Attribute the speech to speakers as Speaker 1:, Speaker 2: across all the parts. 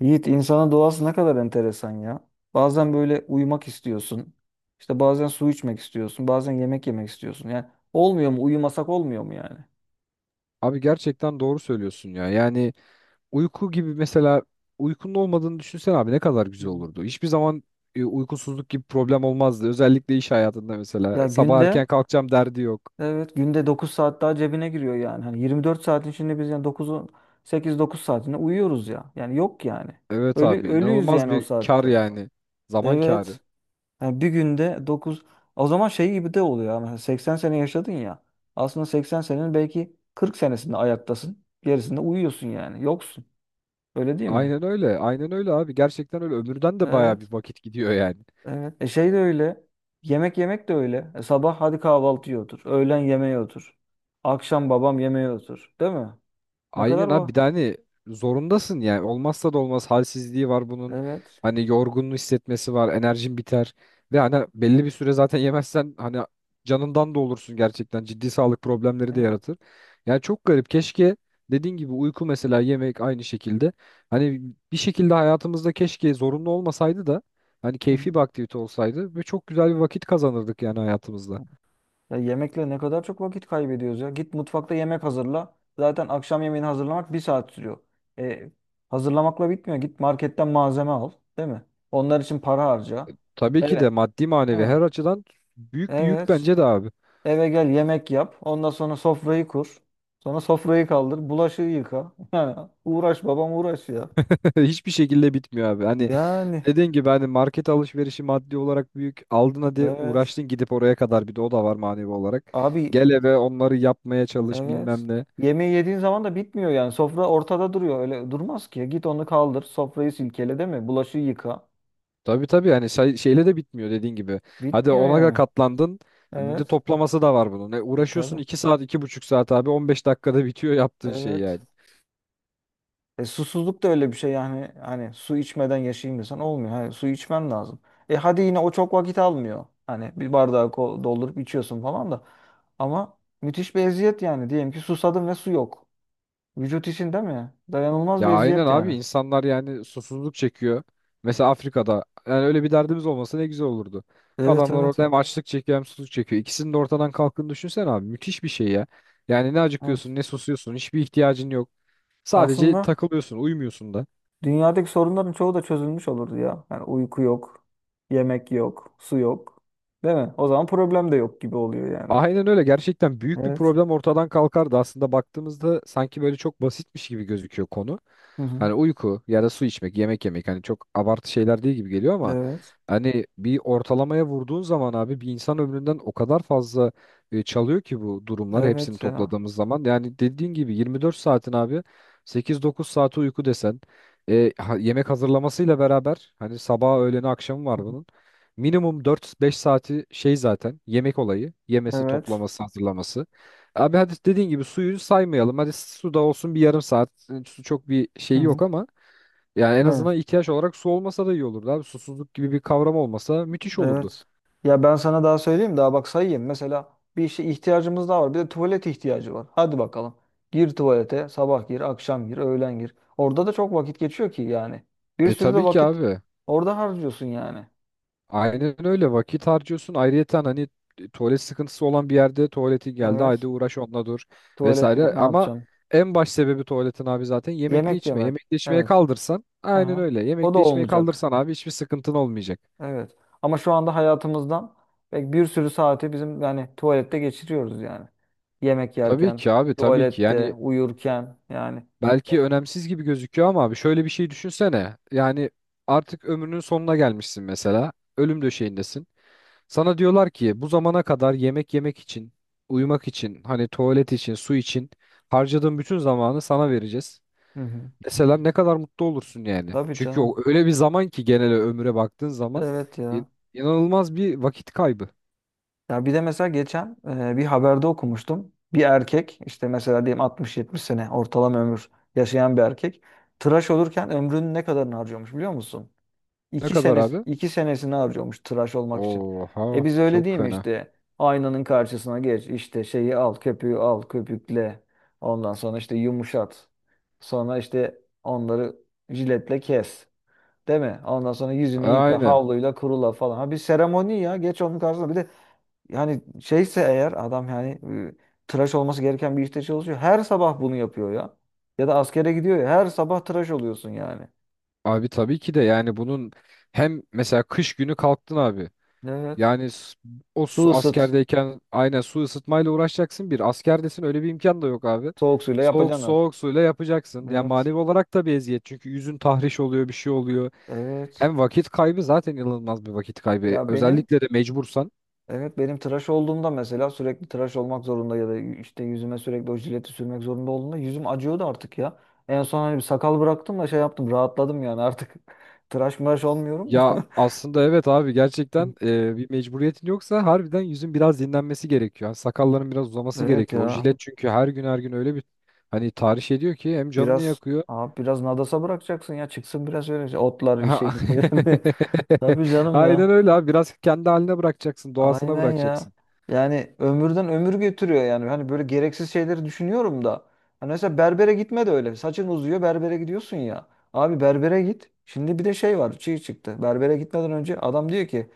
Speaker 1: Yiğit insanın doğası ne kadar enteresan ya. Bazen böyle uyumak istiyorsun. İşte bazen su içmek istiyorsun. Bazen yemek yemek istiyorsun. Yani olmuyor mu? Uyumasak olmuyor mu yani?
Speaker 2: Abi gerçekten doğru söylüyorsun ya. Yani uyku gibi mesela uykunun olmadığını düşünsen abi ne kadar güzel
Speaker 1: Hmm.
Speaker 2: olurdu. Hiçbir zaman uykusuzluk gibi problem olmazdı. Özellikle iş hayatında
Speaker 1: Ya
Speaker 2: mesela sabah erken
Speaker 1: günde
Speaker 2: kalkacağım derdi yok.
Speaker 1: evet günde 9 saat daha cebine giriyor yani. Hani 24 saatin içinde biz yani 9 sekiz dokuz saatinde uyuyoruz ya. Yani yok yani.
Speaker 2: Evet
Speaker 1: Ölü
Speaker 2: abi
Speaker 1: ölüyüz
Speaker 2: inanılmaz
Speaker 1: yani o
Speaker 2: bir kar
Speaker 1: saatte.
Speaker 2: yani. Zaman karı.
Speaker 1: Evet. Yani bir günde 9 O zaman şey gibi de oluyor ama mesela 80 sene yaşadın ya. Aslında 80 senenin belki 40 senesinde ayaktasın. Gerisinde uyuyorsun yani. Yoksun. Öyle değil mi?
Speaker 2: Aynen öyle. Aynen öyle abi. Gerçekten öyle. Ömürden de baya
Speaker 1: Evet.
Speaker 2: bir vakit gidiyor yani.
Speaker 1: Evet. Şey de öyle. Yemek yemek de öyle. Sabah hadi kahvaltıya otur. Öğlen yemeğe otur. Akşam babam yemeğe otur. Değil mi? Ne kadar
Speaker 2: Aynen abi
Speaker 1: var?
Speaker 2: bir de hani zorundasın yani olmazsa da olmaz halsizliği var bunun
Speaker 1: Evet.
Speaker 2: hani yorgunluğu hissetmesi var enerjin biter ve hani belli bir süre zaten yemezsen hani canından da olursun gerçekten ciddi sağlık problemleri de
Speaker 1: Evet.
Speaker 2: yaratır. Yani çok garip keşke dediğin gibi uyku mesela yemek aynı şekilde hani bir şekilde hayatımızda keşke zorunlu olmasaydı da hani keyfi bir aktivite olsaydı ve çok güzel bir vakit kazanırdık yani hayatımızda.
Speaker 1: Ya yemekle ne kadar çok vakit kaybediyoruz ya. Git mutfakta yemek hazırla. Zaten akşam yemeğini hazırlamak bir saat sürüyor. E, Hazırlamakla bitmiyor. Git marketten malzeme al, değil mi? Onlar için para harca.
Speaker 2: Tabii ki de
Speaker 1: Evet.
Speaker 2: maddi manevi
Speaker 1: Ha,
Speaker 2: her açıdan büyük bir yük
Speaker 1: evet.
Speaker 2: bence de abi.
Speaker 1: Eve gel yemek yap. Ondan sonra sofrayı kur. Sonra sofrayı kaldır. Bulaşığı yıka. Yani uğraş babam uğraş ya.
Speaker 2: Hiçbir şekilde bitmiyor abi. Hani
Speaker 1: Yani
Speaker 2: dediğin gibi hani market alışverişi maddi olarak büyük. Aldın hadi
Speaker 1: evet.
Speaker 2: uğraştın gidip oraya kadar bir de o da var manevi olarak.
Speaker 1: Abi,
Speaker 2: Gel eve onları yapmaya çalış bilmem
Speaker 1: evet.
Speaker 2: ne.
Speaker 1: Yemeği yediğin zaman da bitmiyor yani. Sofra ortada duruyor. Öyle durmaz ki. Git onu kaldır. Sofrayı silkele değil mi? Bulaşığı yıka.
Speaker 2: Tabii tabii hani şeyle de bitmiyor dediğin gibi. Hadi
Speaker 1: Bitmiyor
Speaker 2: ona da
Speaker 1: yani.
Speaker 2: katlandın. Bir de
Speaker 1: Evet.
Speaker 2: toplaması da var bunun.
Speaker 1: E
Speaker 2: Uğraşıyorsun
Speaker 1: tabii.
Speaker 2: 2 saat iki buçuk saat abi 15 dakikada bitiyor yaptığın şey
Speaker 1: Evet.
Speaker 2: yani.
Speaker 1: Susuzluk da öyle bir şey yani. Hani su içmeden yaşayayım desen olmuyor. Hayır, su içmen lazım. Hadi yine o çok vakit almıyor. Hani bir bardağı doldurup içiyorsun falan da. Ama müthiş bir eziyet yani. Diyelim ki susadın ve su yok. Vücut için değil mi? Dayanılmaz
Speaker 2: Ya
Speaker 1: bir
Speaker 2: aynen
Speaker 1: eziyet
Speaker 2: abi
Speaker 1: yani.
Speaker 2: insanlar yani susuzluk çekiyor. Mesela Afrika'da yani öyle bir derdimiz olmasa ne güzel olurdu.
Speaker 1: Evet,
Speaker 2: Adamlar
Speaker 1: evet,
Speaker 2: orada
Speaker 1: ya.
Speaker 2: hem açlık çekiyor hem susuzluk çekiyor. İkisinin de ortadan kalktığını düşünsene abi. Müthiş bir şey ya. Yani ne
Speaker 1: Evet.
Speaker 2: acıkıyorsun ne susuyorsun. Hiçbir ihtiyacın yok. Sadece
Speaker 1: Aslında
Speaker 2: takılıyorsun, uyumuyorsun da.
Speaker 1: dünyadaki sorunların çoğu da çözülmüş olurdu ya. Yani uyku yok, yemek yok, su yok. Değil mi? O zaman problem de yok gibi oluyor yani.
Speaker 2: Aynen öyle. Gerçekten büyük bir
Speaker 1: Evet.
Speaker 2: problem ortadan kalkardı. Aslında baktığımızda sanki böyle çok basitmiş gibi gözüküyor konu.
Speaker 1: Hı hı.
Speaker 2: Hani uyku ya da su içmek, yemek yemek hani çok abartı şeyler değil gibi geliyor ama
Speaker 1: Evet.
Speaker 2: hani bir ortalamaya vurduğun zaman abi bir insan ömründen o kadar fazla çalıyor ki bu durumlar hepsini
Speaker 1: Evet ya.
Speaker 2: topladığımız zaman. Yani dediğin gibi 24 saatin abi 8-9 saati uyku desen yemek hazırlamasıyla beraber hani sabah öğleni akşamı var bunun. Minimum dört beş saati şey zaten yemek olayı. Yemesi,
Speaker 1: Evet.
Speaker 2: toplaması, hazırlaması. Abi hadi dediğin gibi suyu saymayalım. Hadi su da olsun bir yarım saat. Yani su çok bir
Speaker 1: Hı
Speaker 2: şeyi yok
Speaker 1: hı.
Speaker 2: ama yani en
Speaker 1: Evet.
Speaker 2: azından ihtiyaç olarak su olmasa da iyi olurdu abi. Susuzluk gibi bir kavram olmasa müthiş olurdu.
Speaker 1: Evet. Ya ben sana daha söyleyeyim, daha bak sayayım. Mesela bir işe ihtiyacımız daha var. Bir de tuvalet ihtiyacı var. Hadi bakalım. Gir tuvalete. Sabah gir, akşam gir, öğlen gir. Orada da çok vakit geçiyor ki yani. Bir
Speaker 2: E
Speaker 1: sürü de
Speaker 2: tabii ki
Speaker 1: vakit
Speaker 2: abi.
Speaker 1: orada harcıyorsun yani.
Speaker 2: Aynen öyle vakit harcıyorsun. Ayrıyeten hani tuvalet sıkıntısı olan bir yerde tuvaleti geldi. Haydi
Speaker 1: Evet.
Speaker 2: uğraş onunla dur
Speaker 1: Tuvalet yok,
Speaker 2: vesaire.
Speaker 1: ne
Speaker 2: Ama
Speaker 1: yapacağım?
Speaker 2: en baş sebebi tuvaletin abi zaten yemekli
Speaker 1: Yemek
Speaker 2: içme.
Speaker 1: yemek.
Speaker 2: Yemekli içmeye
Speaker 1: Evet.
Speaker 2: kaldırsan aynen
Speaker 1: Aha.
Speaker 2: öyle.
Speaker 1: O da
Speaker 2: Yemekli içmeye
Speaker 1: olmayacak.
Speaker 2: kaldırsan abi hiçbir sıkıntın olmayacak.
Speaker 1: Evet. Ama şu anda hayatımızdan pek bir sürü saati bizim yani tuvalette geçiriyoruz yani. Yemek
Speaker 2: Tabii
Speaker 1: yerken,
Speaker 2: ki abi tabii ki.
Speaker 1: tuvalette,
Speaker 2: Yani
Speaker 1: uyurken yani.
Speaker 2: belki
Speaker 1: Evet.
Speaker 2: önemsiz gibi gözüküyor ama abi şöyle bir şey düşünsene. Yani artık ömrünün sonuna gelmişsin mesela. Ölüm döşeğindesin. Sana diyorlar ki bu zamana kadar yemek yemek için, uyumak için, hani tuvalet için, su için harcadığın bütün zamanı sana vereceğiz.
Speaker 1: Hı hı.
Speaker 2: Mesela ne kadar mutlu olursun yani.
Speaker 1: Tabii
Speaker 2: Çünkü o
Speaker 1: canım.
Speaker 2: öyle bir zaman ki genel ömre baktığın zaman
Speaker 1: Evet
Speaker 2: in-
Speaker 1: ya.
Speaker 2: inanılmaz bir vakit kaybı.
Speaker 1: Ya bir de mesela geçen bir haberde okumuştum. Bir erkek işte mesela diyelim 60-70 sene ortalama ömür yaşayan bir erkek tıraş olurken ömrünün ne kadarını harcıyormuş biliyor musun?
Speaker 2: Ne
Speaker 1: İki
Speaker 2: kadar
Speaker 1: sene,
Speaker 2: abi?
Speaker 1: iki senesini harcıyormuş tıraş olmak için. E
Speaker 2: Oha
Speaker 1: biz öyle
Speaker 2: çok
Speaker 1: değil mi
Speaker 2: fena.
Speaker 1: işte? Aynanın karşısına geç, işte şeyi al, köpüğü al, köpükle. Ondan sonra işte yumuşat. Sonra işte onları jiletle kes. Değil mi? Ondan sonra yüzünü yıka,
Speaker 2: Aynen.
Speaker 1: havluyla kurula falan. Ha, bir seremoni ya. Geç onun karşısına. Bir de yani şeyse eğer adam yani e, tıraş olması gereken bir işte çalışıyor. Her sabah bunu yapıyor ya. Ya da askere gidiyor ya. Her sabah tıraş oluyorsun yani.
Speaker 2: Abi tabii ki de yani bunun hem mesela kış günü kalktın abi.
Speaker 1: Evet.
Speaker 2: Yani s-
Speaker 1: Su ısıt.
Speaker 2: Askerdeyken aynen su ısıtmayla uğraşacaksın bir. Askerdesin öyle bir imkan da yok abi.
Speaker 1: Soğuk suyla
Speaker 2: Soğuk
Speaker 1: yapacaksın artık.
Speaker 2: soğuk suyla yapacaksın. Yani
Speaker 1: Evet.
Speaker 2: manevi olarak da bir eziyet. Çünkü yüzün tahriş oluyor bir şey oluyor.
Speaker 1: Evet.
Speaker 2: Hem vakit kaybı zaten inanılmaz bir vakit kaybı.
Speaker 1: Ya benim
Speaker 2: Özellikle de mecbursan.
Speaker 1: evet benim tıraş olduğumda mesela sürekli tıraş olmak zorunda ya da işte yüzüme sürekli o jileti sürmek zorunda olduğunda yüzüm acıyordu artık ya. En son hani bir sakal bıraktım da şey yaptım rahatladım yani artık tıraş mıraş olmuyorum.
Speaker 2: Ya aslında evet abi gerçekten bir mecburiyetin yoksa harbiden yüzün biraz dinlenmesi gerekiyor. Yani sakalların biraz uzaması
Speaker 1: Evet
Speaker 2: gerekiyor. O
Speaker 1: ya.
Speaker 2: jilet çünkü her gün her gün öyle bir hani tahriş ediyor ki hem canını
Speaker 1: Biraz
Speaker 2: yakıyor
Speaker 1: abi, biraz nadasa bırakacaksın ya, çıksın biraz öyle şey, otlar bir
Speaker 2: ha.
Speaker 1: şey. Tabii canım
Speaker 2: Aynen
Speaker 1: ya.
Speaker 2: öyle abi. Biraz kendi haline bırakacaksın, doğasına
Speaker 1: Aynen ya.
Speaker 2: bırakacaksın.
Speaker 1: Yani ömürden ömür götürüyor yani. Hani böyle gereksiz şeyleri düşünüyorum da. Hani mesela berbere gitme de öyle. Saçın uzuyor berbere gidiyorsun ya. Abi berbere git. Şimdi bir de şey var. Çiğ çıktı. Berbere gitmeden önce adam diyor ki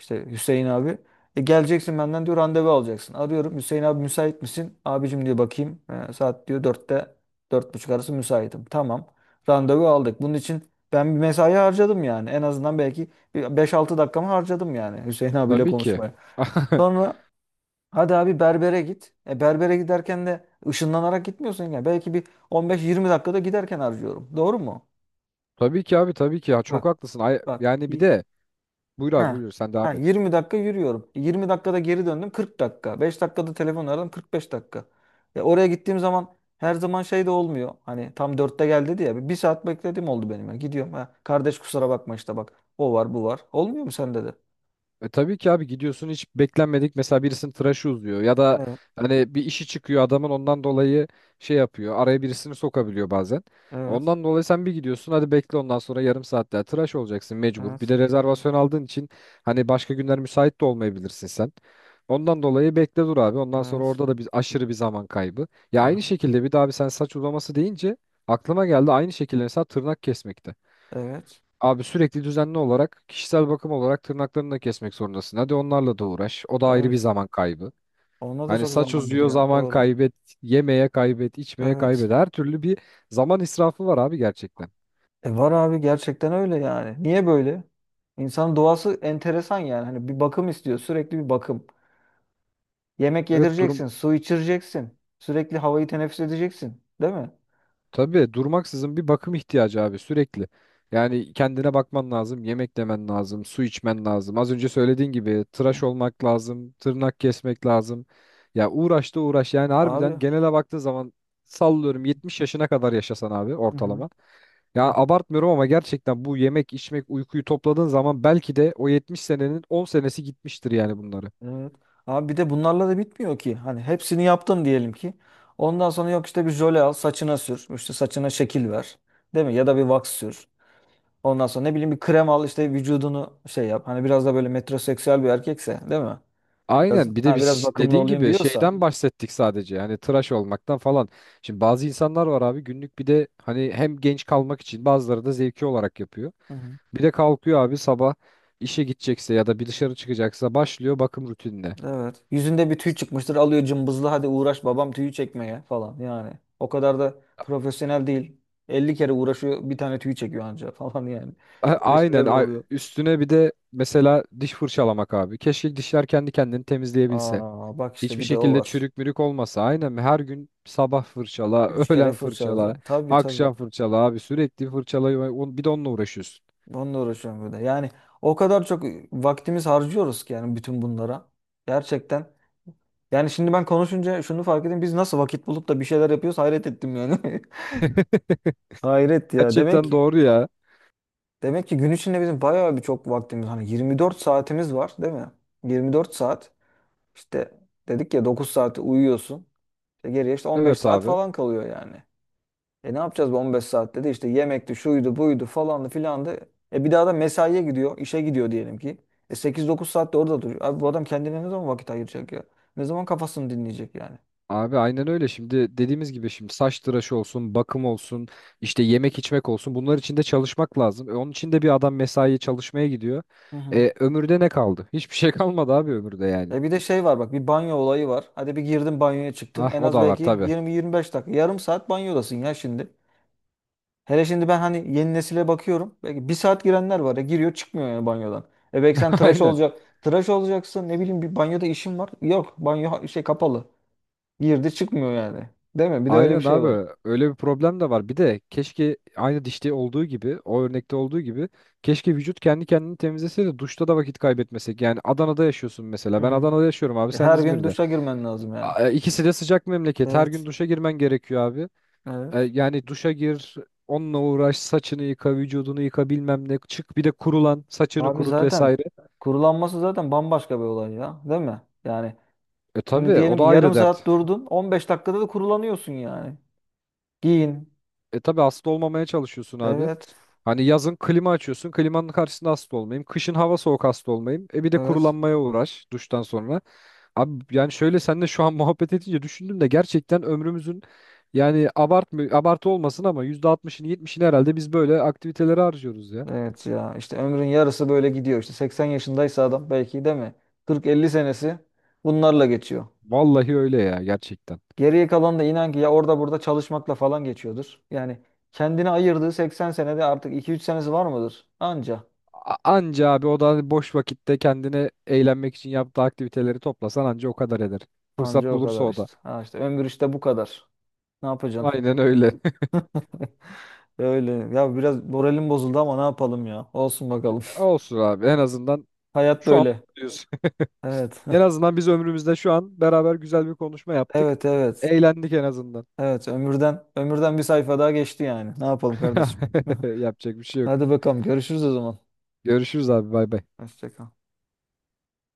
Speaker 1: işte Hüseyin abi, "E, geleceksin benden diyor randevu alacaksın. Arıyorum Hüseyin abi müsait misin? Abicim diyor bakayım. E, saat diyor dörtte dört buçuk arası müsaitim. Tamam. Randevu aldık. Bunun için ben bir mesai harcadım yani. En azından belki bir 5-6 dakikamı harcadım yani Hüseyin abiyle
Speaker 2: Tabii ki.
Speaker 1: konuşmaya. Sonra hadi abi berbere git. Berbere giderken de ışınlanarak gitmiyorsun ya. Belki bir 15-20 dakikada giderken harcıyorum. Doğru mu?
Speaker 2: Tabii ki abi, tabii ki ya. Çok
Speaker 1: Bak
Speaker 2: haklısın.
Speaker 1: bak.
Speaker 2: Yani bir de buyur abi
Speaker 1: Ha.
Speaker 2: buyur sen
Speaker 1: Ha,
Speaker 2: devam et.
Speaker 1: 20 dakika yürüyorum. 20 dakikada geri döndüm. 40 dakika. 5 dakikada telefon aradım. 45 dakika. Oraya gittiğim zaman her zaman şey de olmuyor. Hani tam dörtte geldi diye ya. Bir saat beklediğim oldu benim, ya. Gidiyorum. Ha, kardeş kusura bakma işte bak. O var bu var. Olmuyor mu sende de?
Speaker 2: E tabii ki abi gidiyorsun hiç beklenmedik mesela birisinin tıraşı uzuyor ya da
Speaker 1: Evet.
Speaker 2: hani bir işi çıkıyor adamın ondan dolayı şey yapıyor araya birisini sokabiliyor bazen.
Speaker 1: Evet.
Speaker 2: Ondan dolayı sen bir gidiyorsun hadi bekle ondan sonra yarım saat daha tıraş olacaksın mecbur. Bir
Speaker 1: Evet.
Speaker 2: de rezervasyon aldığın için hani başka günler müsait de olmayabilirsin sen. Ondan dolayı bekle dur abi ondan sonra
Speaker 1: Evet.
Speaker 2: orada da bir aşırı bir zaman kaybı. Ya aynı
Speaker 1: Aha.
Speaker 2: şekilde bir daha abi sen saç uzaması deyince aklıma geldi aynı şekilde mesela tırnak kesmekte.
Speaker 1: Evet.
Speaker 2: Abi sürekli düzenli olarak kişisel bakım olarak tırnaklarını da kesmek zorundasın. Hadi onlarla da uğraş. O da ayrı bir
Speaker 1: Evet.
Speaker 2: zaman kaybı.
Speaker 1: Ona da
Speaker 2: Hani
Speaker 1: çok
Speaker 2: saç
Speaker 1: zaman
Speaker 2: uzuyor
Speaker 1: gidiyor.
Speaker 2: zaman
Speaker 1: Doğru.
Speaker 2: kaybet, yemeye kaybet, içmeye
Speaker 1: Evet.
Speaker 2: kaybet. Her türlü bir zaman israfı var abi gerçekten.
Speaker 1: Var abi gerçekten öyle yani. Niye böyle? İnsanın doğası enteresan yani. Hani bir bakım istiyor. Sürekli bir bakım. Yemek
Speaker 2: Evet durum.
Speaker 1: yedireceksin. Su içireceksin. Sürekli havayı teneffüs edeceksin. Değil mi?
Speaker 2: Tabii durmaksızın bir bakım ihtiyacı abi sürekli. Yani kendine bakman lazım, yemek yemen lazım, su içmen lazım. Az önce söylediğin gibi tıraş olmak lazım, tırnak kesmek lazım. Ya uğraş da uğraş yani
Speaker 1: Abi.
Speaker 2: harbiden genele baktığın zaman sallıyorum 70 yaşına kadar yaşasan abi
Speaker 1: Hı hı.
Speaker 2: ortalama. Ya
Speaker 1: Hı.
Speaker 2: abartmıyorum ama gerçekten bu yemek, içmek, uykuyu topladığın zaman belki de o 70 senenin 10 senesi gitmiştir yani bunları.
Speaker 1: Evet. Abi bir de bunlarla da bitmiyor ki. Hani hepsini yaptım diyelim ki. Ondan sonra yok işte bir jöle al saçına sür. İşte saçına şekil ver. Değil mi? Ya da bir wax sür. Ondan sonra ne bileyim bir krem al işte vücudunu şey yap. Hani biraz da böyle metroseksüel bir erkekse değil mi? Biraz,
Speaker 2: Aynen bir de
Speaker 1: ha, biraz
Speaker 2: biz
Speaker 1: bakımlı
Speaker 2: dediğin
Speaker 1: olayım
Speaker 2: gibi
Speaker 1: diyorsa.
Speaker 2: şeyden bahsettik sadece hani tıraş olmaktan falan. Şimdi bazı insanlar var abi günlük bir de hani hem genç kalmak için bazıları da zevki olarak yapıyor.
Speaker 1: Hı hı.
Speaker 2: Bir de kalkıyor abi sabah işe gidecekse ya da bir dışarı çıkacaksa başlıyor bakım rutinine.
Speaker 1: Evet. Yüzünde bir tüy çıkmıştır alıyor cımbızlı hadi uğraş babam tüyü çekmeye falan yani. O kadar da profesyonel değil. 50 kere uğraşıyor bir tane tüy çekiyor anca falan yani.
Speaker 2: A-
Speaker 1: Böyle şeyler
Speaker 2: Aynen
Speaker 1: de
Speaker 2: a-
Speaker 1: oluyor.
Speaker 2: Üstüne bir de mesela diş fırçalamak abi. Keşke dişler kendi kendini temizleyebilse.
Speaker 1: Aa bak işte
Speaker 2: Hiçbir
Speaker 1: bir de o
Speaker 2: şekilde
Speaker 1: var.
Speaker 2: çürük mürük olmasa. Aynen her gün sabah fırçala,
Speaker 1: 3 kere
Speaker 2: öğlen
Speaker 1: fırça
Speaker 2: fırçala,
Speaker 1: alacaksın. Tabii, tabii.
Speaker 2: akşam fırçala abi sürekli bir de onunla uğraşıyorsun.
Speaker 1: Onunla uğraşıyorum bir de. Yani o kadar çok vaktimiz harcıyoruz ki yani bütün bunlara. Gerçekten. Yani şimdi ben konuşunca şunu fark ettim. Biz nasıl vakit bulup da bir şeyler yapıyoruz hayret ettim yani. Hayret ya. Demek
Speaker 2: Gerçekten
Speaker 1: ki
Speaker 2: doğru ya.
Speaker 1: demek ki gün içinde bizim bayağı bir çok vaktimiz hani 24 saatimiz var değil mi? 24 saat işte dedik ya 9 saati uyuyorsun. İşte geriye işte 15
Speaker 2: Evet
Speaker 1: saat
Speaker 2: abi.
Speaker 1: falan kalıyor yani. Ne yapacağız bu 15 saatte de işte yemekti, şuydu, buydu, falandı, filandı. Bir daha da mesaiye gidiyor, işe gidiyor diyelim ki. 8-9 saatte orada duruyor. Abi bu adam kendine ne zaman vakit ayıracak ya? Ne zaman kafasını dinleyecek yani?
Speaker 2: Abi aynen öyle. Şimdi dediğimiz gibi şimdi saç tıraşı olsun, bakım olsun, işte yemek içmek olsun. Bunlar için de çalışmak lazım. Onun için de bir adam mesaiye çalışmaya gidiyor.
Speaker 1: Hı hı.
Speaker 2: E, ömürde ne kaldı? Hiçbir şey kalmadı abi ömürde yani.
Speaker 1: Bir de şey var bak, bir banyo olayı var. Hadi bir girdin banyoya çıktın.
Speaker 2: Ah
Speaker 1: En
Speaker 2: o
Speaker 1: az
Speaker 2: da var
Speaker 1: belki
Speaker 2: tabii.
Speaker 1: 20-25 dakika. Yarım saat banyodasın ya şimdi. Hele şimdi ben hani yeni nesile bakıyorum. Belki bir saat girenler var ya, giriyor çıkmıyor yani banyodan. Belki sen tıraş
Speaker 2: Aynen.
Speaker 1: olacak. Tıraş olacaksın ne bileyim bir banyoda işin var. Yok banyo şey kapalı. Girdi çıkmıyor yani. Değil mi? Bir de öyle bir
Speaker 2: Aynen
Speaker 1: şey var.
Speaker 2: abi. Öyle bir problem de var. Bir de keşke aynı dişte olduğu gibi, o örnekte olduğu gibi keşke vücut kendi kendini temizlese de duşta da vakit kaybetmesek. Yani Adana'da yaşıyorsun
Speaker 1: Hı
Speaker 2: mesela. Ben
Speaker 1: hı.
Speaker 2: Adana'da yaşıyorum abi. Sen
Speaker 1: Her gün
Speaker 2: İzmir'de.
Speaker 1: duşa girmen lazım yani.
Speaker 2: İkisi de sıcak memleket. Her gün
Speaker 1: Evet.
Speaker 2: duşa girmen gerekiyor abi.
Speaker 1: Evet.
Speaker 2: Yani duşa gir, onunla uğraş, saçını yıka, vücudunu yıka bilmem ne. Çık bir de kurulan, saçını
Speaker 1: Abi
Speaker 2: kurut
Speaker 1: zaten
Speaker 2: vesaire.
Speaker 1: kurulanması zaten bambaşka bir olay ya. Değil mi? Yani
Speaker 2: E
Speaker 1: şimdi
Speaker 2: tabi, o
Speaker 1: diyelim ki
Speaker 2: da ayrı
Speaker 1: yarım
Speaker 2: dert.
Speaker 1: saat durdun. 15 dakikada da kurulanıyorsun yani. Giyin.
Speaker 2: E tabi hasta olmamaya çalışıyorsun abi.
Speaker 1: Evet.
Speaker 2: Hani yazın klima açıyorsun, klimanın karşısında hasta olmayayım. Kışın hava soğuk hasta olmayayım. E bir de
Speaker 1: Evet.
Speaker 2: kurulanmaya uğraş duştan sonra. Abi yani şöyle seninle şu an muhabbet edince düşündüm de gerçekten ömrümüzün yani abartmı abartı olmasın ama %60'ını 70'ini herhalde biz böyle aktivitelere harcıyoruz ya.
Speaker 1: Evet ya. İşte ömrün yarısı böyle gidiyor. İşte 80 yaşındaysa adam belki değil mi? 40-50 senesi bunlarla geçiyor.
Speaker 2: Vallahi öyle ya gerçekten.
Speaker 1: Geriye kalan da inan ki ya orada burada çalışmakla falan geçiyordur. Yani kendine ayırdığı 80 senede artık 2-3 senesi var mıdır? Anca.
Speaker 2: Anca abi o da boş vakitte kendine eğlenmek için yaptığı aktiviteleri toplasan anca o kadar eder.
Speaker 1: Anca
Speaker 2: Fırsat
Speaker 1: o
Speaker 2: bulursa
Speaker 1: kadar
Speaker 2: o da.
Speaker 1: işte. Ha işte ömür işte bu kadar. Ne yapacaksın?
Speaker 2: Aynen öyle.
Speaker 1: Öyle. Ya biraz moralim bozuldu ama ne yapalım ya. Olsun bakalım.
Speaker 2: Olsun abi en azından
Speaker 1: Hayat
Speaker 2: şu an
Speaker 1: böyle.
Speaker 2: mutluyuz.
Speaker 1: Evet.
Speaker 2: En azından biz ömrümüzde şu an beraber güzel bir konuşma yaptık.
Speaker 1: Evet, evet.
Speaker 2: Eğlendik en azından.
Speaker 1: Evet ömürden bir sayfa daha geçti yani. Ne yapalım kardeşim?
Speaker 2: Yapacak bir şey yok.
Speaker 1: Hadi bakalım görüşürüz o zaman.
Speaker 2: Görüşürüz abi bay bay.
Speaker 1: Hoşça kal.